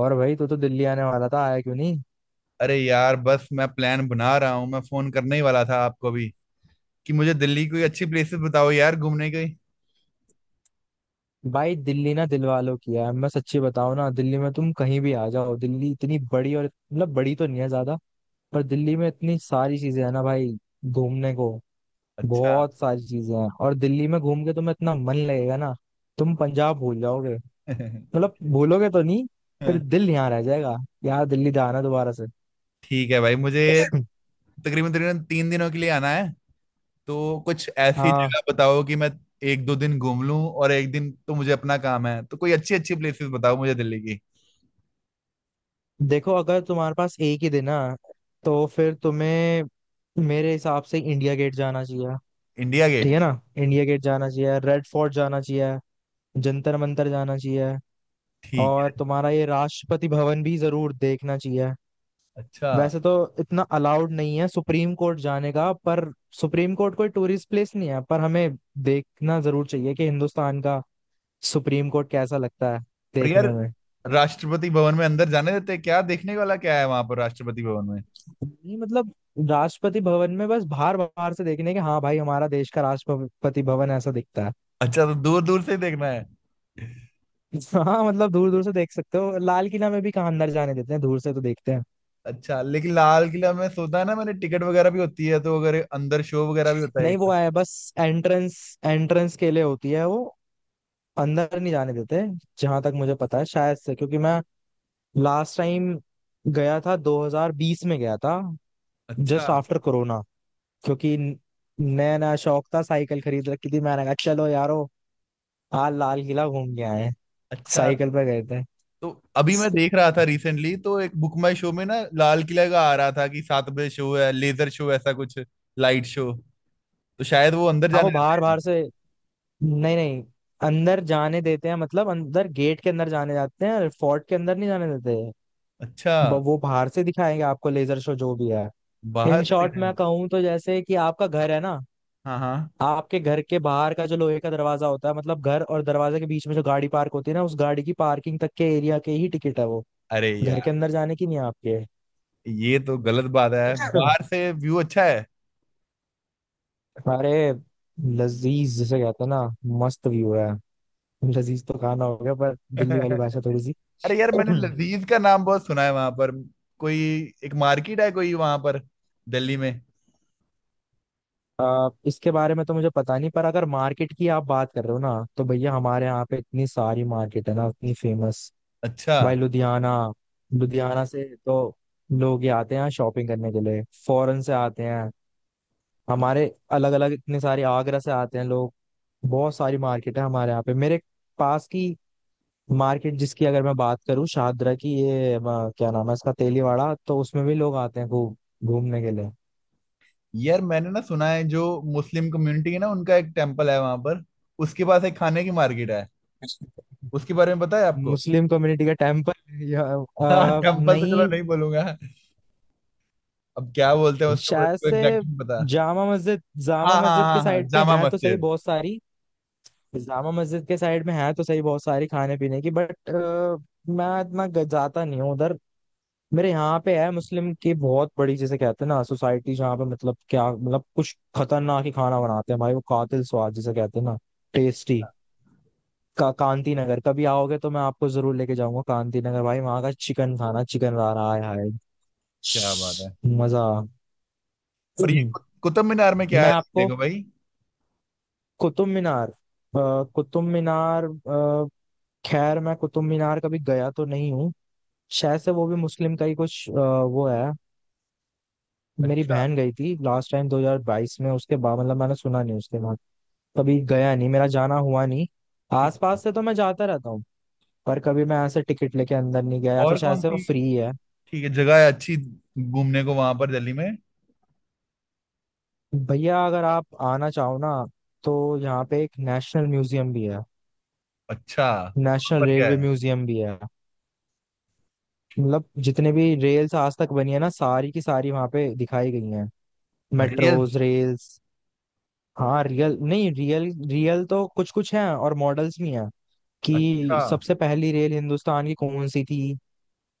और भाई तू तो दिल्ली आने वाला था आया क्यों नहीं। अरे यार, बस मैं प्लान बना रहा हूँ। मैं फोन करने ही वाला था आपको भी कि मुझे दिल्ली की कोई अच्छी प्लेसेस बताओ यार, घूमने की। भाई दिल्ली ना दिल वालों की है। मैं सच्ची बताऊं ना दिल्ली में तुम कहीं भी आ जाओ। दिल्ली इतनी बड़ी और मतलब बड़ी तो नहीं है ज्यादा। पर दिल्ली में इतनी सारी चीजें है ना भाई घूमने को। अच्छा। बहुत सारी चीजें हैं और दिल्ली में घूम के तुम्हें इतना मन लगेगा ना। तुम पंजाब भूल जाओगे। मतलब भूलोगे तो नहीं। फिर दिल यहाँ रह जाएगा। यार दिल्ली जाना दोबारा से। ठीक है भाई, मुझे तकरीबन तकरीबन 3 दिनों के लिए आना है। तो कुछ ऐसी हाँ। जगह बताओ कि मैं एक दो दिन घूम लूं, और एक दिन तो मुझे अपना काम है। तो कोई अच्छी अच्छी प्लेसेस बताओ मुझे दिल्ली की। देखो अगर तुम्हारे पास एक ही दिन है तो फिर तुम्हें मेरे हिसाब से इंडिया गेट जाना चाहिए। इंडिया ठीक गेट। है ना। इंडिया गेट जाना चाहिए। रेड फोर्ट जाना चाहिए। जंतर मंतर जाना चाहिए। ठीक। और तुम्हारा ये राष्ट्रपति भवन भी जरूर देखना चाहिए। अच्छा है। वैसे तो इतना अलाउड नहीं है सुप्रीम कोर्ट जाने का। पर सुप्रीम कोर्ट कोई टूरिस्ट प्लेस नहीं है, पर हमें देखना जरूर चाहिए कि हिंदुस्तान का सुप्रीम कोर्ट कैसा लगता है और यार, देखने में। राष्ट्रपति भवन में अंदर जाने देते हैं क्या? देखने वाला क्या है वहां पर राष्ट्रपति भवन में? नहीं मतलब राष्ट्रपति भवन में बस बाहर बाहर से देखने के। हाँ भाई, हमारा देश का राष्ट्रपति भवन ऐसा दिखता है। अच्छा, तो दूर दूर से ही देखना है। हाँ मतलब दूर दूर से देख सकते हो। लाल किला में भी कहाँ अंदर जाने देते हैं। दूर से तो देखते हैं। अच्छा, लेकिन लाल किला में सोता है ना, मैंने टिकट वगैरह भी होती है, तो अगर अंदर शो वगैरह भी होता है, नहीं, एक। वो है बस एंट्रेंस। एंट्रेंस के लिए होती है वो। अंदर नहीं जाने देते जहां तक मुझे पता है शायद से। क्योंकि मैं लास्ट टाइम गया था 2020 में गया था। अच्छा। Just after corona. क्योंकि नया नया शौक था, साइकिल खरीद रखी थी। मैंने कहा चलो यारो आज लाल किला घूम के आए हैं।" अच्छा, साइकिल पे गए थे। तो अभी मैं देख रहा था रिसेंटली, तो एक बुक माई शो में ना लाल किला का आ रहा था कि 7 बजे शो है, लेजर शो, ऐसा कुछ। Light show. तो शायद वो अंदर हाँ जाने वो बाहर देते हैं। बाहर से। नहीं नहीं अंदर जाने देते हैं मतलब अंदर गेट के अंदर जाने जाते हैं। फोर्ट के अंदर नहीं जाने देते। अच्छा। वो बाहर से दिखाएंगे आपको लेजर शो जो भी है। इन बाहर से शॉर्ट मैं दिखाएंगे। कहूँ तो जैसे कि आपका घर है ना। हाँ हाँ। आपके घर के बाहर का जो लोहे का दरवाजा होता है मतलब घर और दरवाजे के बीच में जो गाड़ी पार्क होती है ना, उस गाड़ी की पार्किंग तक के एरिया के ही टिकट है वो। अरे घर के यार, अंदर जाने की नहीं है आपके। ये तो गलत बात है। बाहर से व्यू अच्छा है। अरे, लजीज जिसे कहते हैं ना। मस्त व्यू है। लजीज तो खाना हो गया पर दिल्ली वाली भाषा थोड़ी। अरे यार, मैंने लजीज का नाम बहुत सुना है वहां पर। कोई एक मार्केट है कोई वहां पर, दिल्ली में। इसके बारे में तो मुझे पता नहीं। पर अगर मार्केट की आप बात कर रहे हो ना तो भैया हमारे यहाँ पे इतनी सारी मार्केट है ना, इतनी फेमस। अच्छा। भाई लुधियाना। लुधियाना से तो लोग ये आते हैं यहाँ शॉपिंग करने के लिए। फॉरेन से आते हैं हमारे। अलग अलग इतने सारे, आगरा से आते हैं लोग। बहुत सारी मार्केट है हमारे यहाँ पे। मेरे पास की मार्केट जिसकी अगर मैं बात करूँ, शाहदरा की, ये क्या नाम है इसका, तेलीवाड़ा। तो उसमें भी लोग आते हैं खूब घूमने के यार, मैंने ना सुना है जो मुस्लिम कम्युनिटी है ना, उनका एक टेम्पल है वहां पर। उसके पास एक खाने की मार्केट है। उसके लिए। बारे में पता है आपको? मुस्लिम कम्युनिटी का टेम्पल या? हाँ, टेम्पल तो चलो नहीं, नहीं बोलूंगा। अब क्या बोलते हैं उसके शायद बारे में, से एग्जैक्ट नहीं पता। जामा मस्जिद। जामा हाँ हाँ मस्जिद के हाँ हाँ, साइड पे जामा है तो सही, मस्जिद। बहुत सारी। जामा मस्जिद के साइड में है तो सही बहुत सारी खाने पीने की। बट मैं इतना जाता नहीं हूँ उधर। मेरे यहाँ पे है मुस्लिम की बहुत बड़ी, जैसे कहते हैं ना, सोसाइटी, जहाँ पे मतलब क्या, मतलब कुछ खतरनाक ही खाना बनाते हैं भाई। वो कातिल स्वाद जिसे कहते हैं ना, टेस्टी का। कांति नगर कभी आओगे तो मैं आपको जरूर लेके जाऊंगा। कांति नगर भाई, वहां का चिकन खाना, चिकन रहा रहा है क्या बात है। मजा। और ये कुतुब मीनार में क्या मैं है देखने आपको को भाई? कुतुब मीनार, कुतुब मीनार, खैर मैं कुतुब मीनार कभी गया तो नहीं हूँ। शायद से वो भी मुस्लिम का ही कुछ वो है। मेरी अच्छा। बहन गई थी लास्ट टाइम 2022 में। उसके बाद मतलब मैंने सुना नहीं। उसके बाद कभी गया नहीं, मेरा जाना हुआ नहीं। ठीक। आसपास से तो मैं जाता रहता हूँ, पर कभी मैं ऐसे टिकट लेके अंदर नहीं गया, या फिर और शायद कौन से वो सी फ्री है। ठीक है जगह है अच्छी घूमने को वहां पर दिल्ली में? भैया अगर आप आना चाहो ना, तो यहाँ पे एक नेशनल म्यूजियम भी है। अच्छा, वहां नेशनल पर क्या रेलवे म्यूजियम भी है। मतलब जितने भी रेल्स आज तक बनी है ना, सारी की सारी वहां पे दिखाई गई हैं। है, मेट्रोज, रेल्स? रेल्स। हाँ रियल, नहीं रियल। रियल तो कुछ कुछ हैं और मॉडल्स भी हैं, कि अच्छा, सबसे पहली रेल हिंदुस्तान की कौन सी थी।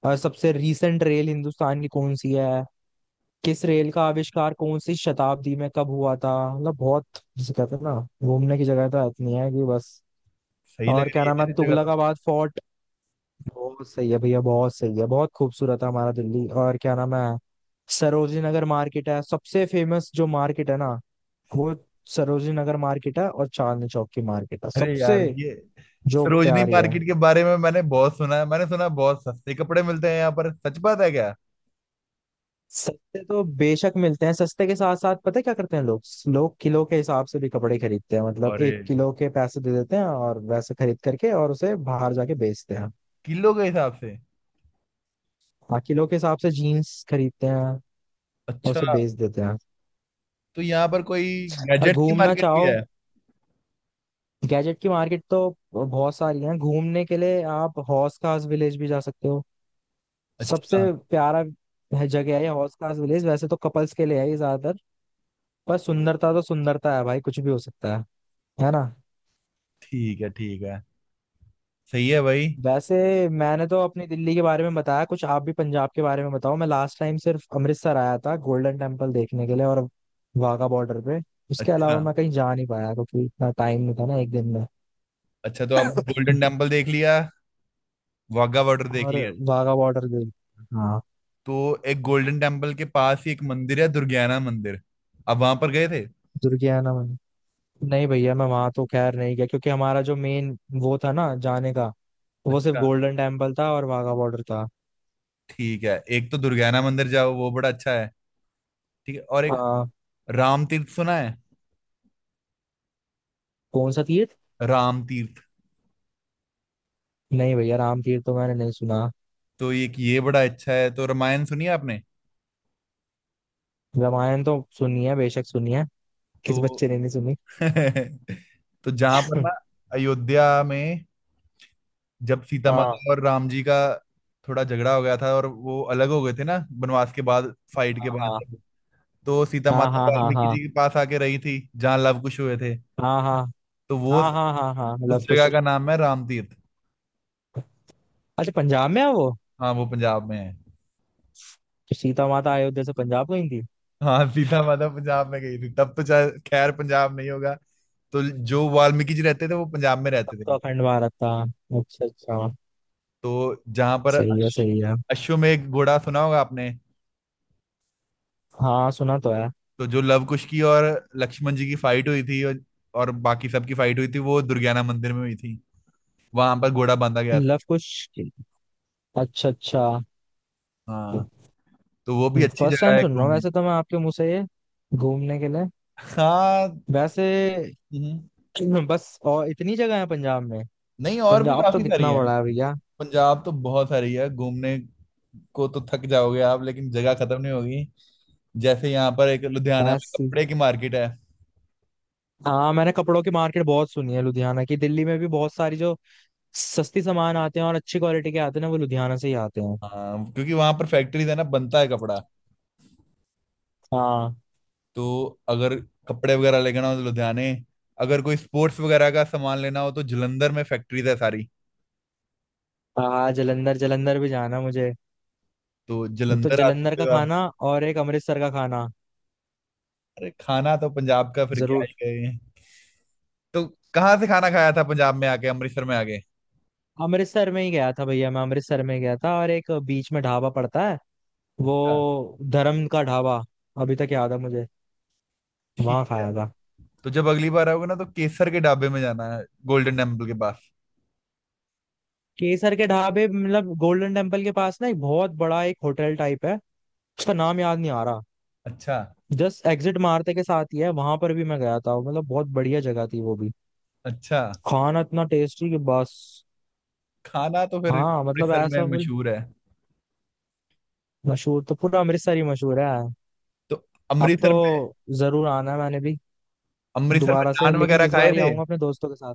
और सबसे रीसेंट रेल हिंदुस्तान की कौन सी है। किस रेल का आविष्कार कौन सी शताब्दी में कब हुआ था, मतलब बहुत, जिसे कहते हैं ना, घूमने की जगह तो इतनी है कि बस। सही लग और क्या रही है नाम है, यार ये जगह तो। तुगलकाबाद फोर्ट। बहुत सही है भैया, बहुत सही है, बहुत खूबसूरत है हमारा दिल्ली। और क्या नाम है, सरोजिनी नगर मार्केट है। सबसे फेमस जो मार्केट है ना, वो सरोजिनी नगर मार्केट है। और चांदनी चौक की मार्केट है अरे सबसे यार, ये जो सरोजनी प्यारी है। मार्केट के बारे में मैंने बहुत सुना है। मैंने सुना है बहुत सस्ते कपड़े मिलते हैं यहाँ पर, सच बात है क्या? सस्ते तो बेशक मिलते हैं। सस्ते के साथ साथ पता है क्या करते हैं लोग। लोग किलो के हिसाब से भी कपड़े खरीदते हैं। मतलब अरे, एक किलो के पैसे दे देते हैं और वैसे खरीद करके और उसे बाहर जाके बेचते हैं। किलो के हिसाब से? हाँ किलो के हिसाब से जीन्स खरीदते हैं और अच्छा, उसे बेच देते हैं। तो यहाँ पर कोई और गैजेट्स की घूमना मार्केट भी चाहो, है? गैजेट की मार्केट तो बहुत सारी है। घूमने के लिए आप हौस खास विलेज भी जा सकते हो। सबसे अच्छा। प्यारा जगह है ये हौस खास विलेज। वैसे तो कपल्स के लिए है ये ज्यादातर, पर सुंदरता तो सुंदरता है भाई, कुछ भी हो सकता है ना। ठीक है, ठीक है। सही है भाई। वैसे मैंने तो अपनी दिल्ली के बारे में बताया कुछ, आप भी पंजाब के बारे में बताओ। मैं लास्ट टाइम सिर्फ अमृतसर आया था गोल्डन टेम्पल देखने के लिए और वाघा बॉर्डर पे। उसके अलावा अच्छा मैं कहीं जा नहीं पाया क्योंकि इतना टाइम नहीं था ना एक दिन में। अच्छा, तो आप गोल्डन टेम्पल देख लिया। वाघा बॉर्डर देख और लिया। वाघा बॉर्डर गई। हाँ। तो एक गोल्डन टेम्पल के पास ही एक मंदिर है, दुर्गियाना मंदिर। अब वहां पर गए थे? दुर्गियाना में नहीं भैया, मैं वहां तो खैर नहीं गया क्योंकि हमारा जो मेन वो था ना जाने का, वो सिर्फ अच्छा। गोल्डन टेम्पल था और वाघा बॉर्डर था। ठीक है, एक तो दुर्गियाना मंदिर जाओ, वो बड़ा अच्छा है। ठीक है, और एक आ, राम तीर्थ सुना है? कौन सा तीर्थ? राम तीर्थ। नहीं भैया राम तीर्थ तो मैंने नहीं सुना। तो एक ये बड़ा अच्छा है। तो रामायण सुनी है आपने? रामायण तो सुनी है, बेशक सुनी है। किस तो बच्चे ने नहीं सुनी। तो जहां पर ना अयोध्या में जब सीता हाँ माता और राम जी का थोड़ा झगड़ा हो गया था, और वो अलग हो गए थे ना, वनवास के बाद, फाइट के हाँ बाद। तो सीता हाँ माता हाँ वाल्मीकि हाँ, जी के पास आके रही थी, जहाँ लव कुश हुए थे। हाँ हाँ तो वो हाँ, हाँ हाँ उस हाँ हाँ, मतलब कुछ। जगह का नाम है रामतीर्थ। अच्छा, पंजाब में है वो। हाँ, वो पंजाब में है। तो सीता माता अयोध्या से पंजाब गई थी। हाँ, सीता माता पंजाब में गई थी। तब तो चाहे खैर पंजाब नहीं होगा। तो जो वाल्मीकि जी रहते थे वो पंजाब में तब रहते थे। तो अखंड भारत था। अच्छा अच्छा, तो जहां पर सही है अश्व, सही है। अश्वमेध घोड़ा सुना होगा आपने? हाँ सुना तो है। तो जो लवकुश की और लक्ष्मण जी की फाइट हुई थी, और बाकी सबकी फाइट हुई थी, वो दुर्गियाना मंदिर में हुई थी। वहां पर घोड़ा बांधा गया था। लव कुश, अच्छा अच्छा। हाँ। तो वो भी अच्छी फर्स्ट जगह टाइम है सुन रहा हूँ घूमने। वैसे तो मैं आपके मुंह से ये, घूमने के लिए, हाँ। वैसे। हम्म। बस और इतनी जगह है पंजाब में? नहीं, और भी पंजाब तो काफी सारी कितना है। बड़ा है भैया। पंजाब तो बहुत सारी है घूमने को, तो थक जाओगे आप लेकिन जगह खत्म नहीं होगी। जैसे यहाँ पर एक लुधियाना में ऐसी। कपड़े की मार्केट है। हाँ मैंने कपड़ों की मार्केट बहुत सुनी है लुधियाना की। दिल्ली में भी बहुत सारी जो सस्ती सामान आते हैं और अच्छी क्वालिटी के आते हैं ना, वो लुधियाना से ही आते हैं। हाँ, क्योंकि वहां पर फैक्ट्रीज है ना, बनता है कपड़ा। हाँ। तो अगर कपड़े वगैरह लेना हो तो लुधियाने। अगर कोई स्पोर्ट्स वगैरह का सामान लेना हो तो जलंधर में फैक्ट्रीज है सारी। हाँ जलंधर, जलंधर भी जाना मुझे। तो तो जलंधर आ जलंधर सकते का हो आप। खाना और एक अमृतसर का खाना। अरे, खाना तो पंजाब का, फिर क्या जरूर। ही गए। तो कहाँ से खाना खाया था पंजाब में आके, अमृतसर में आके? अमृतसर में ही गया था भैया। मैं अमृतसर में गया था और एक बीच में ढाबा पड़ता है, अच्छा। वो धर्म का ढाबा। अभी तक याद है मुझे। वहां ठीक। खाया था। तो जब अगली बार आओगे ना तो केसर के ढाबे में जाना है, गोल्डन टेम्पल के पास। केसर के ढाबे, मतलब गोल्डन टेम्पल के पास ना एक बहुत बड़ा एक होटल टाइप है, उसका नाम याद नहीं आ रहा। अच्छा। जस्ट एग्जिट मारते के साथ ही है, वहां पर भी मैं गया था। मतलब बहुत बढ़िया जगह थी वो भी। अच्छा। खाना इतना टेस्टी कि बस। खाना तो फिर हाँ मतलब अमृतसर में ऐसा, फुल। मशहूर है। मशहूर तो पूरा अमृतसर ही मशहूर है। तो अब तो अमृतसर में, जरूर आना है मैंने भी अमृतसर में दोबारा से, नान लेकिन वगैरह इस खाए बार ही थे? आऊंगा अपने दोस्तों के साथ।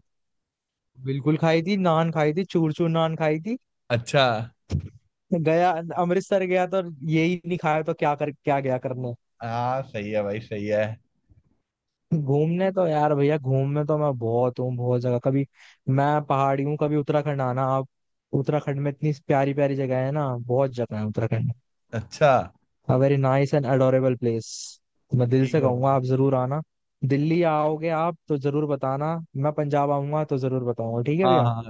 बिल्कुल खाई थी, नान खाई थी, चूर चूर नान खाई थी। अच्छा। गया अमृतसर गया तो यही नहीं खाया तो क्या कर, क्या गया करने। हाँ, सही है भाई, सही है। घूमने तो यार भैया घूमने तो मैं बहुत हूँ। बहुत जगह, कभी मैं पहाड़ी हूँ, कभी उत्तराखंड आना आप। उत्तराखंड में इतनी प्यारी प्यारी जगह है ना, बहुत जगह है उत्तराखंड अच्छा। में। Very nice and adorable place. मैं दिल ठीक से है कहूंगा, भाई। आप जरूर आना। दिल्ली आओगे आप तो जरूर बताना, मैं पंजाब आऊंगा तो जरूर बताऊंगा। ठीक है हाँ भैया। हाँ,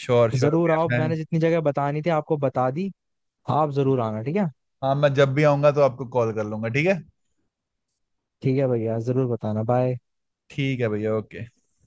श्योर श्योर। जरूर आओ। मैंने जितनी जगह बतानी थी आपको बता दी। आप जरूर आना ठीक है। हाँ, मैं जब भी आऊंगा तो आपको कॉल कर लूंगा, ठीक है? ठीक है भैया, जरूर बताना। बाय। ठीक है भैया, ओके।